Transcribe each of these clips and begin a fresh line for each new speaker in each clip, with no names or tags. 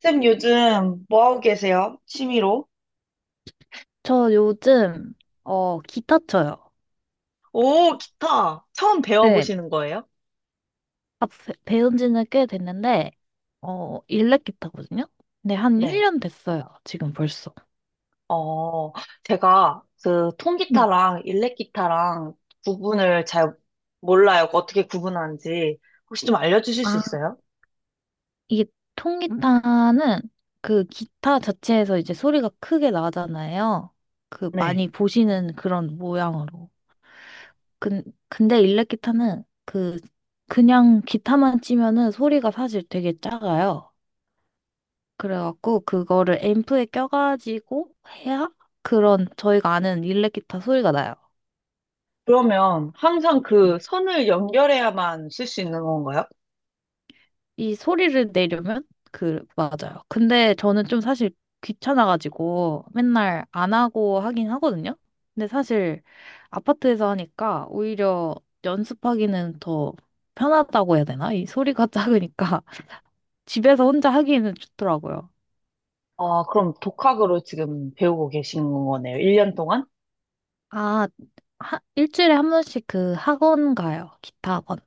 쌤 요즘 뭐 하고 계세요? 취미로?
저 요즘, 기타 쳐요.
오, 기타. 처음
네.
배워보시는 거예요?
아, 배운 지는 꽤 됐는데, 일렉 기타거든요? 근데 한
네.
1년 됐어요. 지금 벌써.
어, 제가 그
네.
통기타랑 일렉기타랑 구분을 잘 몰라요. 어떻게 구분하는지. 혹시 좀 알려주실 수
아,
있어요?
이게 통기타는 그 기타 자체에서 이제 소리가 크게 나잖아요. 그
네.
많이 보시는 그런 모양으로. 근, 근데 일렉 기타는 그냥 기타만 치면은 소리가 사실 되게 작아요. 그래갖고 그거를 앰프에 껴가지고 해야 그런 저희가 아는 일렉 기타 소리가 나요.
그러면 항상 그
네.
선을 연결해야만 쓸 수 있는 건가요?
이 소리를 내려면 맞아요. 근데 저는 좀 사실 귀찮아가지고 맨날 안 하고 하긴 하거든요. 근데 사실 아파트에서 하니까 오히려 연습하기는 더 편하다고 해야 되나? 이 소리가 작으니까 집에서 혼자 하기에는 좋더라고요.
아, 그럼 독학으로 지금 배우고 계신 거네요. 1년 동안?
아, 일주일에 한 번씩 그 학원 가요. 기타 학원.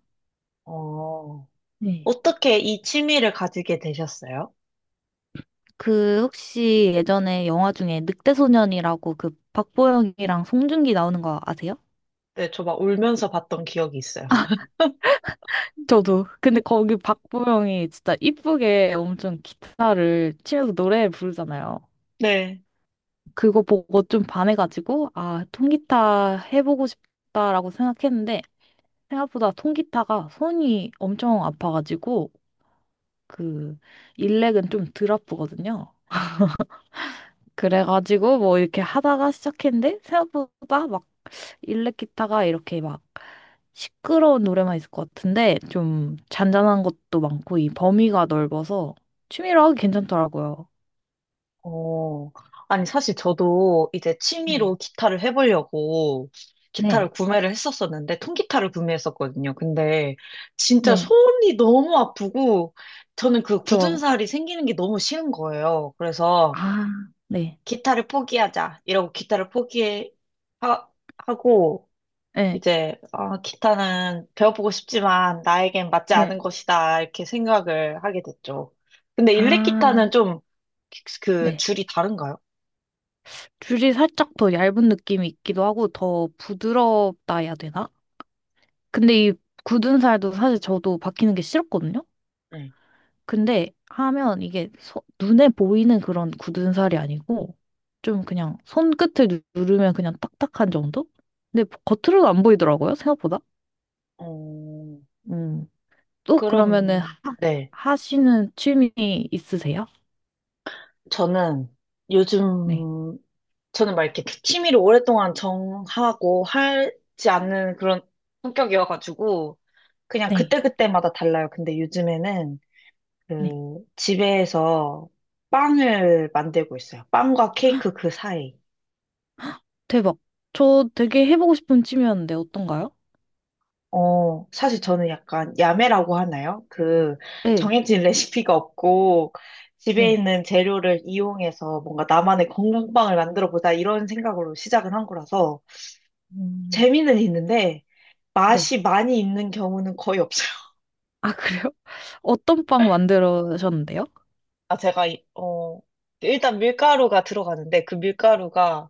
어,
네.
어떻게 이 취미를 가지게 되셨어요?
그 혹시 예전에 영화 중에 늑대소년이라고 그 박보영이랑 송중기 나오는 거 아세요?
네, 저 막 울면서 봤던 기억이 있어요.
저도. 근데 거기 박보영이 진짜 이쁘게 엄청 기타를 치면서 노래 부르잖아요.
네.
그거 보고 좀 반해가지고, 아, 통기타 해보고 싶다라고 생각했는데, 생각보다 통기타가 손이 엄청 아파가지고, 그, 일렉은 좀 덜 아프거든요. 그래가지고 뭐 이렇게 하다가 시작했는데 생각보다 막 일렉 기타가 이렇게 막 시끄러운 노래만 있을 것 같은데 좀 잔잔한 것도 많고 이 범위가 넓어서 취미로 하기 괜찮더라고요.
어, 아니, 사실 저도 이제 취미로
네,
기타를 해보려고 기타를
네,
구매를 했었었는데, 통기타를 구매했었거든요. 근데 진짜
네.
손이 너무 아프고, 저는 그 굳은
저,
살이 생기는 게 너무 싫은 거예요. 그래서
아, 네,
기타를 포기하자. 이러고 기타를 포기하고,
네,
이제 기타는 배워보고 싶지만 나에겐 맞지 않은
네.
것이다 이렇게 생각을 하게 됐죠. 근데 일렉
아,
기타는 좀 그
네.
줄이 다른가요?
줄이 살짝 더 얇은 느낌이 있기도 하고 더 부드럽다 해야 되나? 근데 이 굳은 살도 사실 저도 바뀌는 게 싫었거든요.
네.
근데 하면 이게 눈에 보이는 그런 굳은 살이 아니고 좀 그냥 손끝을 누르면 그냥 딱딱한 정도? 근데 겉으로는 안 보이더라고요, 생각보다.
어,
음. 또 그러면은 하,
그럼, 네,
하시는 취미 있으세요?
저는
네.
요즘 저는 막 이렇게 취미를 오랫동안 정하고 하지 않는 그런 성격이어가지고 그냥
네.
그때그때마다 달라요. 근데 요즘에는
네.
그 집에서 빵을 만들고 있어요. 빵과 케이크 그 사이.
대박. 저 되게 해보고 싶은 취미였는데 어떤가요?
사실 저는 약간 야매라고 하나요?
네.
정해진 레시피가 없고, 집에
네.
있는 재료를 이용해서 뭔가 나만의 건강빵을 만들어 보자, 이런 생각으로 시작을 한 거라서,
음,
재미는 있는데,
네.
맛이 많이 있는 경우는 거의 없어요.
아, 그래요? 어떤 빵 만들으셨는데요?
아, 일단 밀가루가 들어가는데, 그 밀가루가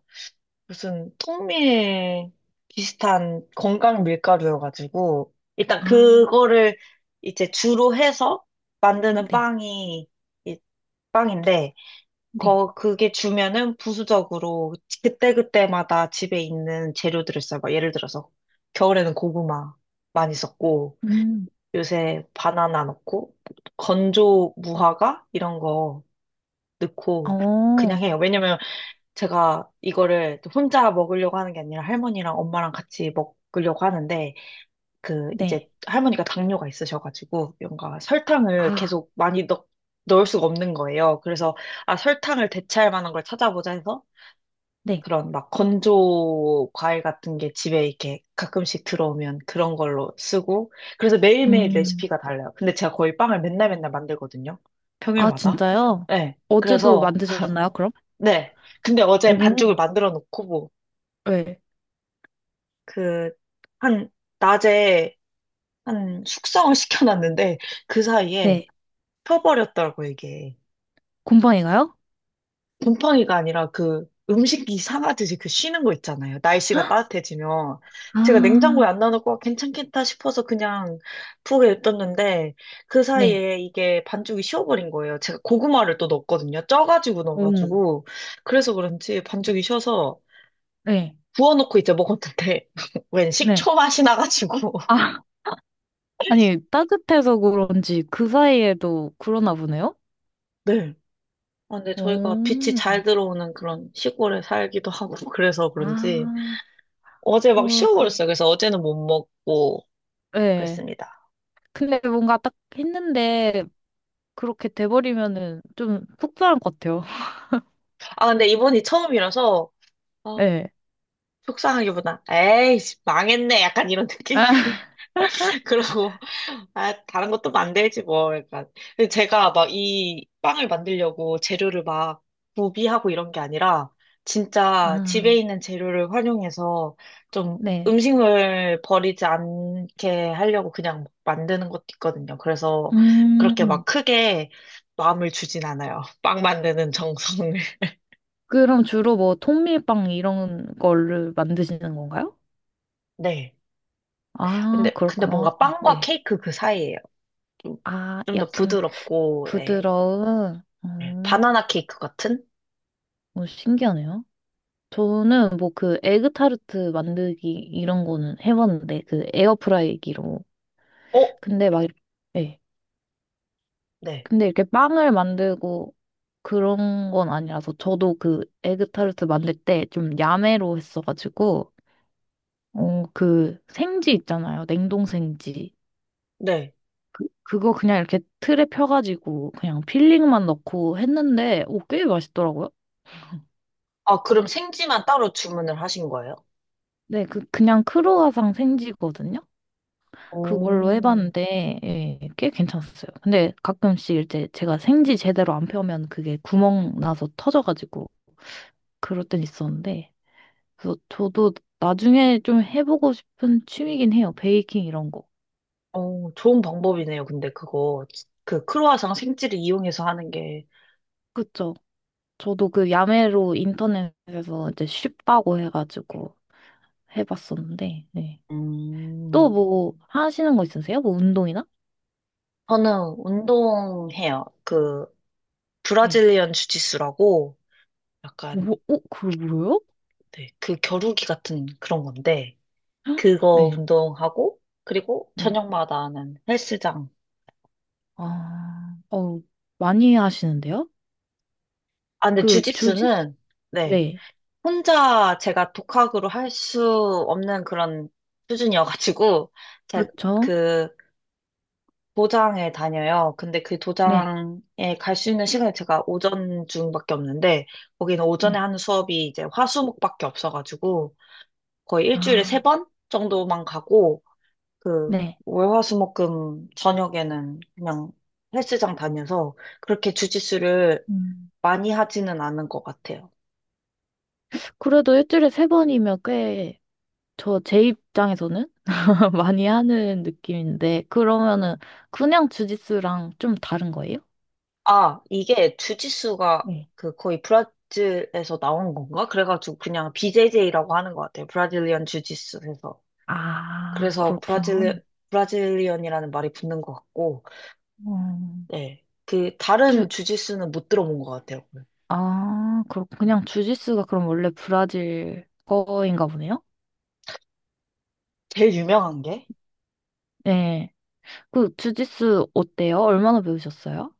무슨 통밀 비슷한 건강 밀가루여가지고 일단
아,
그거를 이제 주로 해서 만드는
네.
빵이 이 빵인데
네.
거 그게 주면은 부수적으로 그때그때마다 집에 있는 재료들을 써요. 막 예를 들어서 겨울에는 고구마 많이 썼고
음.
요새 바나나 넣고 건조 무화과 이런 거 넣고 그냥
어,
해요. 왜냐면 제가 이거를 또 혼자 먹으려고 하는 게 아니라 할머니랑 엄마랑 같이 먹으려고 하는데 그 이제
네.
할머니가 당뇨가 있으셔가지고 뭔가 설탕을
아,
계속 많이 넣을 수가 없는 거예요. 그래서 설탕을 대체할 만한 걸 찾아보자 해서
네.
그런 막 건조 과일 같은 게 집에 이렇게 가끔씩 들어오면 그런 걸로 쓰고 그래서 매일매일
음,
레시피가 달라요. 근데 제가 거의 빵을 맨날 맨날 만들거든요.
아,
평일마다.
진짜요? 네.
네.
어제도
그래서
만드셨나요, 그럼?
네. 근데 어제 반죽을
오,
만들어 놓고
네.
그, 한, 낮에 한 숙성을 시켜놨는데 그 사이에
네.
펴버렸더라고, 이게.
곰팡이가요?
곰팡이가 아니라 그 음식이 상하듯이 그 쉬는 거 있잖아요. 날씨가 따뜻해지면. 제가 냉장고에
아,
안 넣어놓고 아, 괜찮겠다 싶어서 그냥 푹에 냅뒀는데 그
네.
사이에 이게 반죽이 쉬어버린 거예요. 제가 고구마를 또 넣었거든요. 쪄가지고
오,
넣어가지고. 그래서 그런지 반죽이 쉬어서
네,
부어놓고 이제 먹었는데 웬
네.
식초 맛이 나가지고.
아, 아니, 따뜻해서 그런지 그 사이에도 그러나 보네요?
네. 아, 근데 저희가 빛이 잘
오,
들어오는 그런 시골에 살기도 하고 그래서 그런지
아,
어제 막
헐,
쉬어버렸어요. 그래서 어제는 못 먹고
네.
그랬습니다.
근데 뭔가 딱 했는데 그렇게 돼버리면은 좀 속상할 것 같아요.
아, 근데 이번이 처음이라서 아,
네.
속상하기보다 에이, 씨, 망했네. 약간 이런 느낌? 그러고 아, 다른 것도 만들지 뭐. 약간. 근데 제가 막 이 빵을 만들려고 재료를 막 구비하고 이런 게 아니라 진짜 집에
아,
있는 재료를 활용해서 좀
네.
음식물 버리지 않게 하려고 그냥 막 만드는 것도 있거든요. 그래서 그렇게 막
음.
크게 마음을 주진 않아요. 빵 만드는 정성을.
그럼 주로 뭐 통밀빵 이런 거를 만드시는 건가요?
네.
아,
근데
그렇구나.
뭔가 빵과
네.
케이크 그 사이예요. 좀,
아,
좀 더
약간
부드럽고, 네.
부드러운.
바나나 케이크 같은?
신기하네요. 저는 뭐 그 에그타르트 만들기 이런 거는 해봤는데 그 에어프라이기로.
어?
근데 막, 네.
네.
근데 이렇게 빵을 만들고 그런 건 아니라서 저도 그 에그타르트 만들 때 좀 야매로 했어가지고 그 생지 있잖아요. 냉동 생지.
네.
그거 그냥 이렇게 틀에 펴가지고 그냥 필링만 넣고 했는데 오, 꽤 맛있더라고요.
아, 그럼 생지만 따로 주문을 하신 거예요?
네, 그냥 크루아상 생지거든요. 그걸로
오,
해봤는데 예, 꽤 괜찮았어요. 근데 가끔씩 이제 제가 생지 제대로 안 펴면 그게 구멍 나서 터져가지고 그럴 땐 있었는데 그래서 저도 나중에 좀 해보고 싶은 취미긴 해요. 베이킹 이런 거.
오, 좋은 방법이네요. 근데 그거, 그 크로와상 생지를 이용해서 하는 게.
그쵸. 저도 그 야매로 인터넷에서 이제 쉽다고 해가지고 해봤었는데 네. 또
음.
뭐 하시는 거 있으세요? 뭐 운동이나?
저는 운동해요. 그
네.
브라질리언 주짓수라고 약간
뭐, 그거 뭐예요? 헉?
네, 그 겨루기 같은 그런 건데 그거
네,
운동하고 그리고
네.
저녁마다는 헬스장.
아, 많이 하시는데요?
아, 근데
그 주짓수?
주짓수는 네,
네,
혼자 제가 독학으로 할 수 없는 그런 수준이어가지고, 제가
그렇죠.
그 도장에 다녀요. 근데 그
네,
도장에 갈 수 있는 시간이 제가 오전 중밖에 없는데, 거기는 오전에
네.
하는 수업이 이제 화수목밖에 없어가지고, 거의 일주일에 세
아,
번 정도만 가고, 그
네.
월화수목금 저녁에는 그냥 헬스장 다녀서 그렇게 주짓수를
음,
많이 하지는 않은 것 같아요.
그래도 일주일에 세 번이면 꽤, 저 제 입장에서는 많이 하는 느낌인데, 그러면은 그냥 주짓수랑 좀 다른 거예요?
아, 이게 주짓수가
네.
그 거의 브라질에서 나온 건가? 그래가지고 그냥 BJJ라고 하는 것 같아요. 브라질리언 주짓수에서.
아,
그래서
그렇구나.
브라질리언이라는 말이 붙는 것 같고,
음,
네.
주,
다른 주짓수는 못 들어본 것 같아요.
아, 그렇
음.
그냥 주짓수가 그럼 원래 브라질 거인가 보네요?
제일 유명한 게?
네. 주짓수 어때요? 얼마나 배우셨어요?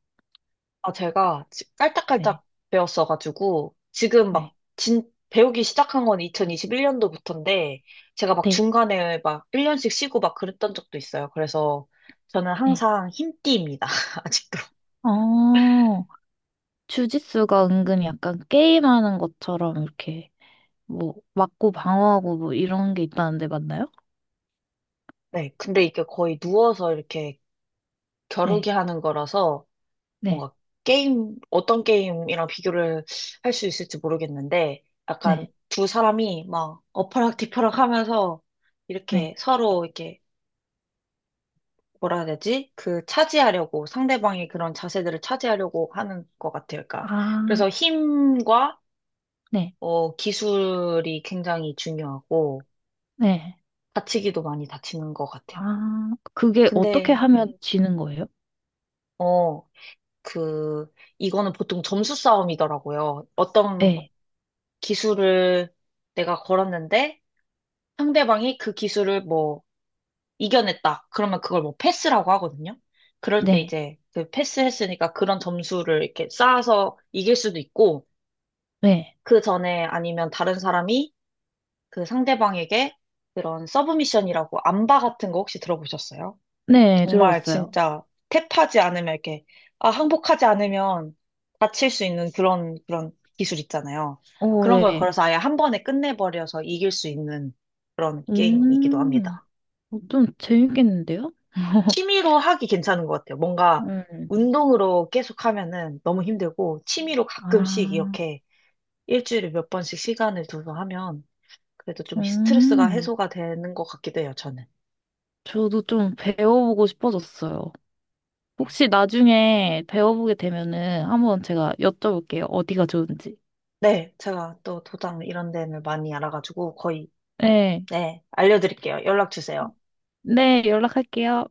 아, 제가
네.
깔짝깔짝 배웠어가지고, 지금 막
네.
배우기 시작한 건 2021년도부터인데, 제가 막
네.
중간에 막 1년씩 쉬고 막 그랬던 적도 있어요. 그래서 저는
네.
항상 흰띠입니다. 아직도.
어, 주짓수가 은근히 약간 게임하는 것처럼 이렇게 뭐 맞고 방어하고 뭐 이런 게 있다는데 맞나요?
네. 근데 이게 거의 누워서 이렇게 겨루기
네.
하는 거라서,
네.
뭔가 게임, 어떤 게임이랑 비교를 할 수 있을지 모르겠는데, 약간
네.
두 사람이 막 어퍼락 뒤퍼락 하면서
네.
이렇게 서로 이렇게 뭐라 해야 되지? 그 차지하려고 상대방의 그런 자세들을 차지하려고 하는 것 같아요. 그러니까
아,
그래서 힘과
네.
기술이 굉장히 중요하고
네.
다치기도 많이 다치는 것 같아요.
아, 그게 어떻게
근데 네.
하면 지는 거예요?
어, 그 이거는 보통 점수 싸움이더라고요. 어떤
네.
기술을 내가 걸었는데 상대방이 그 기술을 뭐 이겨냈다. 그러면 그걸 뭐 패스라고 하거든요. 그럴 때
네.
이제 그 패스했으니까 그런 점수를 이렇게 쌓아서 이길 수도 있고,
네.
그 전에 아니면 다른 사람이 그 상대방에게 그런 서브미션이라고 안바 같은 거 혹시 들어보셨어요?
네.
정말
들어봤어요.
진짜 탭하지 않으면 이렇게, 아, 항복하지 않으면 다칠 수 있는 그런 기술 있잖아요.
오,
그런 걸
네.
걸어서 아예 한 번에 끝내버려서 이길 수 있는 그런 게임이기도
음,
합니다.
좀 재밌겠는데요?
취미로 하기 괜찮은 것 같아요. 뭔가
음.
운동으로 계속 하면은 너무 힘들고, 취미로 가끔씩
아,
이렇게 일주일에 몇 번씩 시간을 둬서 하면 그래도 좀 스트레스가
음,
해소가 되는 것 같기도 해요, 저는.
저도 좀 배워보고 싶어졌어요. 혹시 나중에 배워보게 되면은 한번 제가 여쭤볼게요. 어디가 좋은지.
네, 제가 또 도장 이런 데는 많이 알아가지고 거의,
네,
네, 알려드릴게요. 연락 주세요.
네, 연락할게요.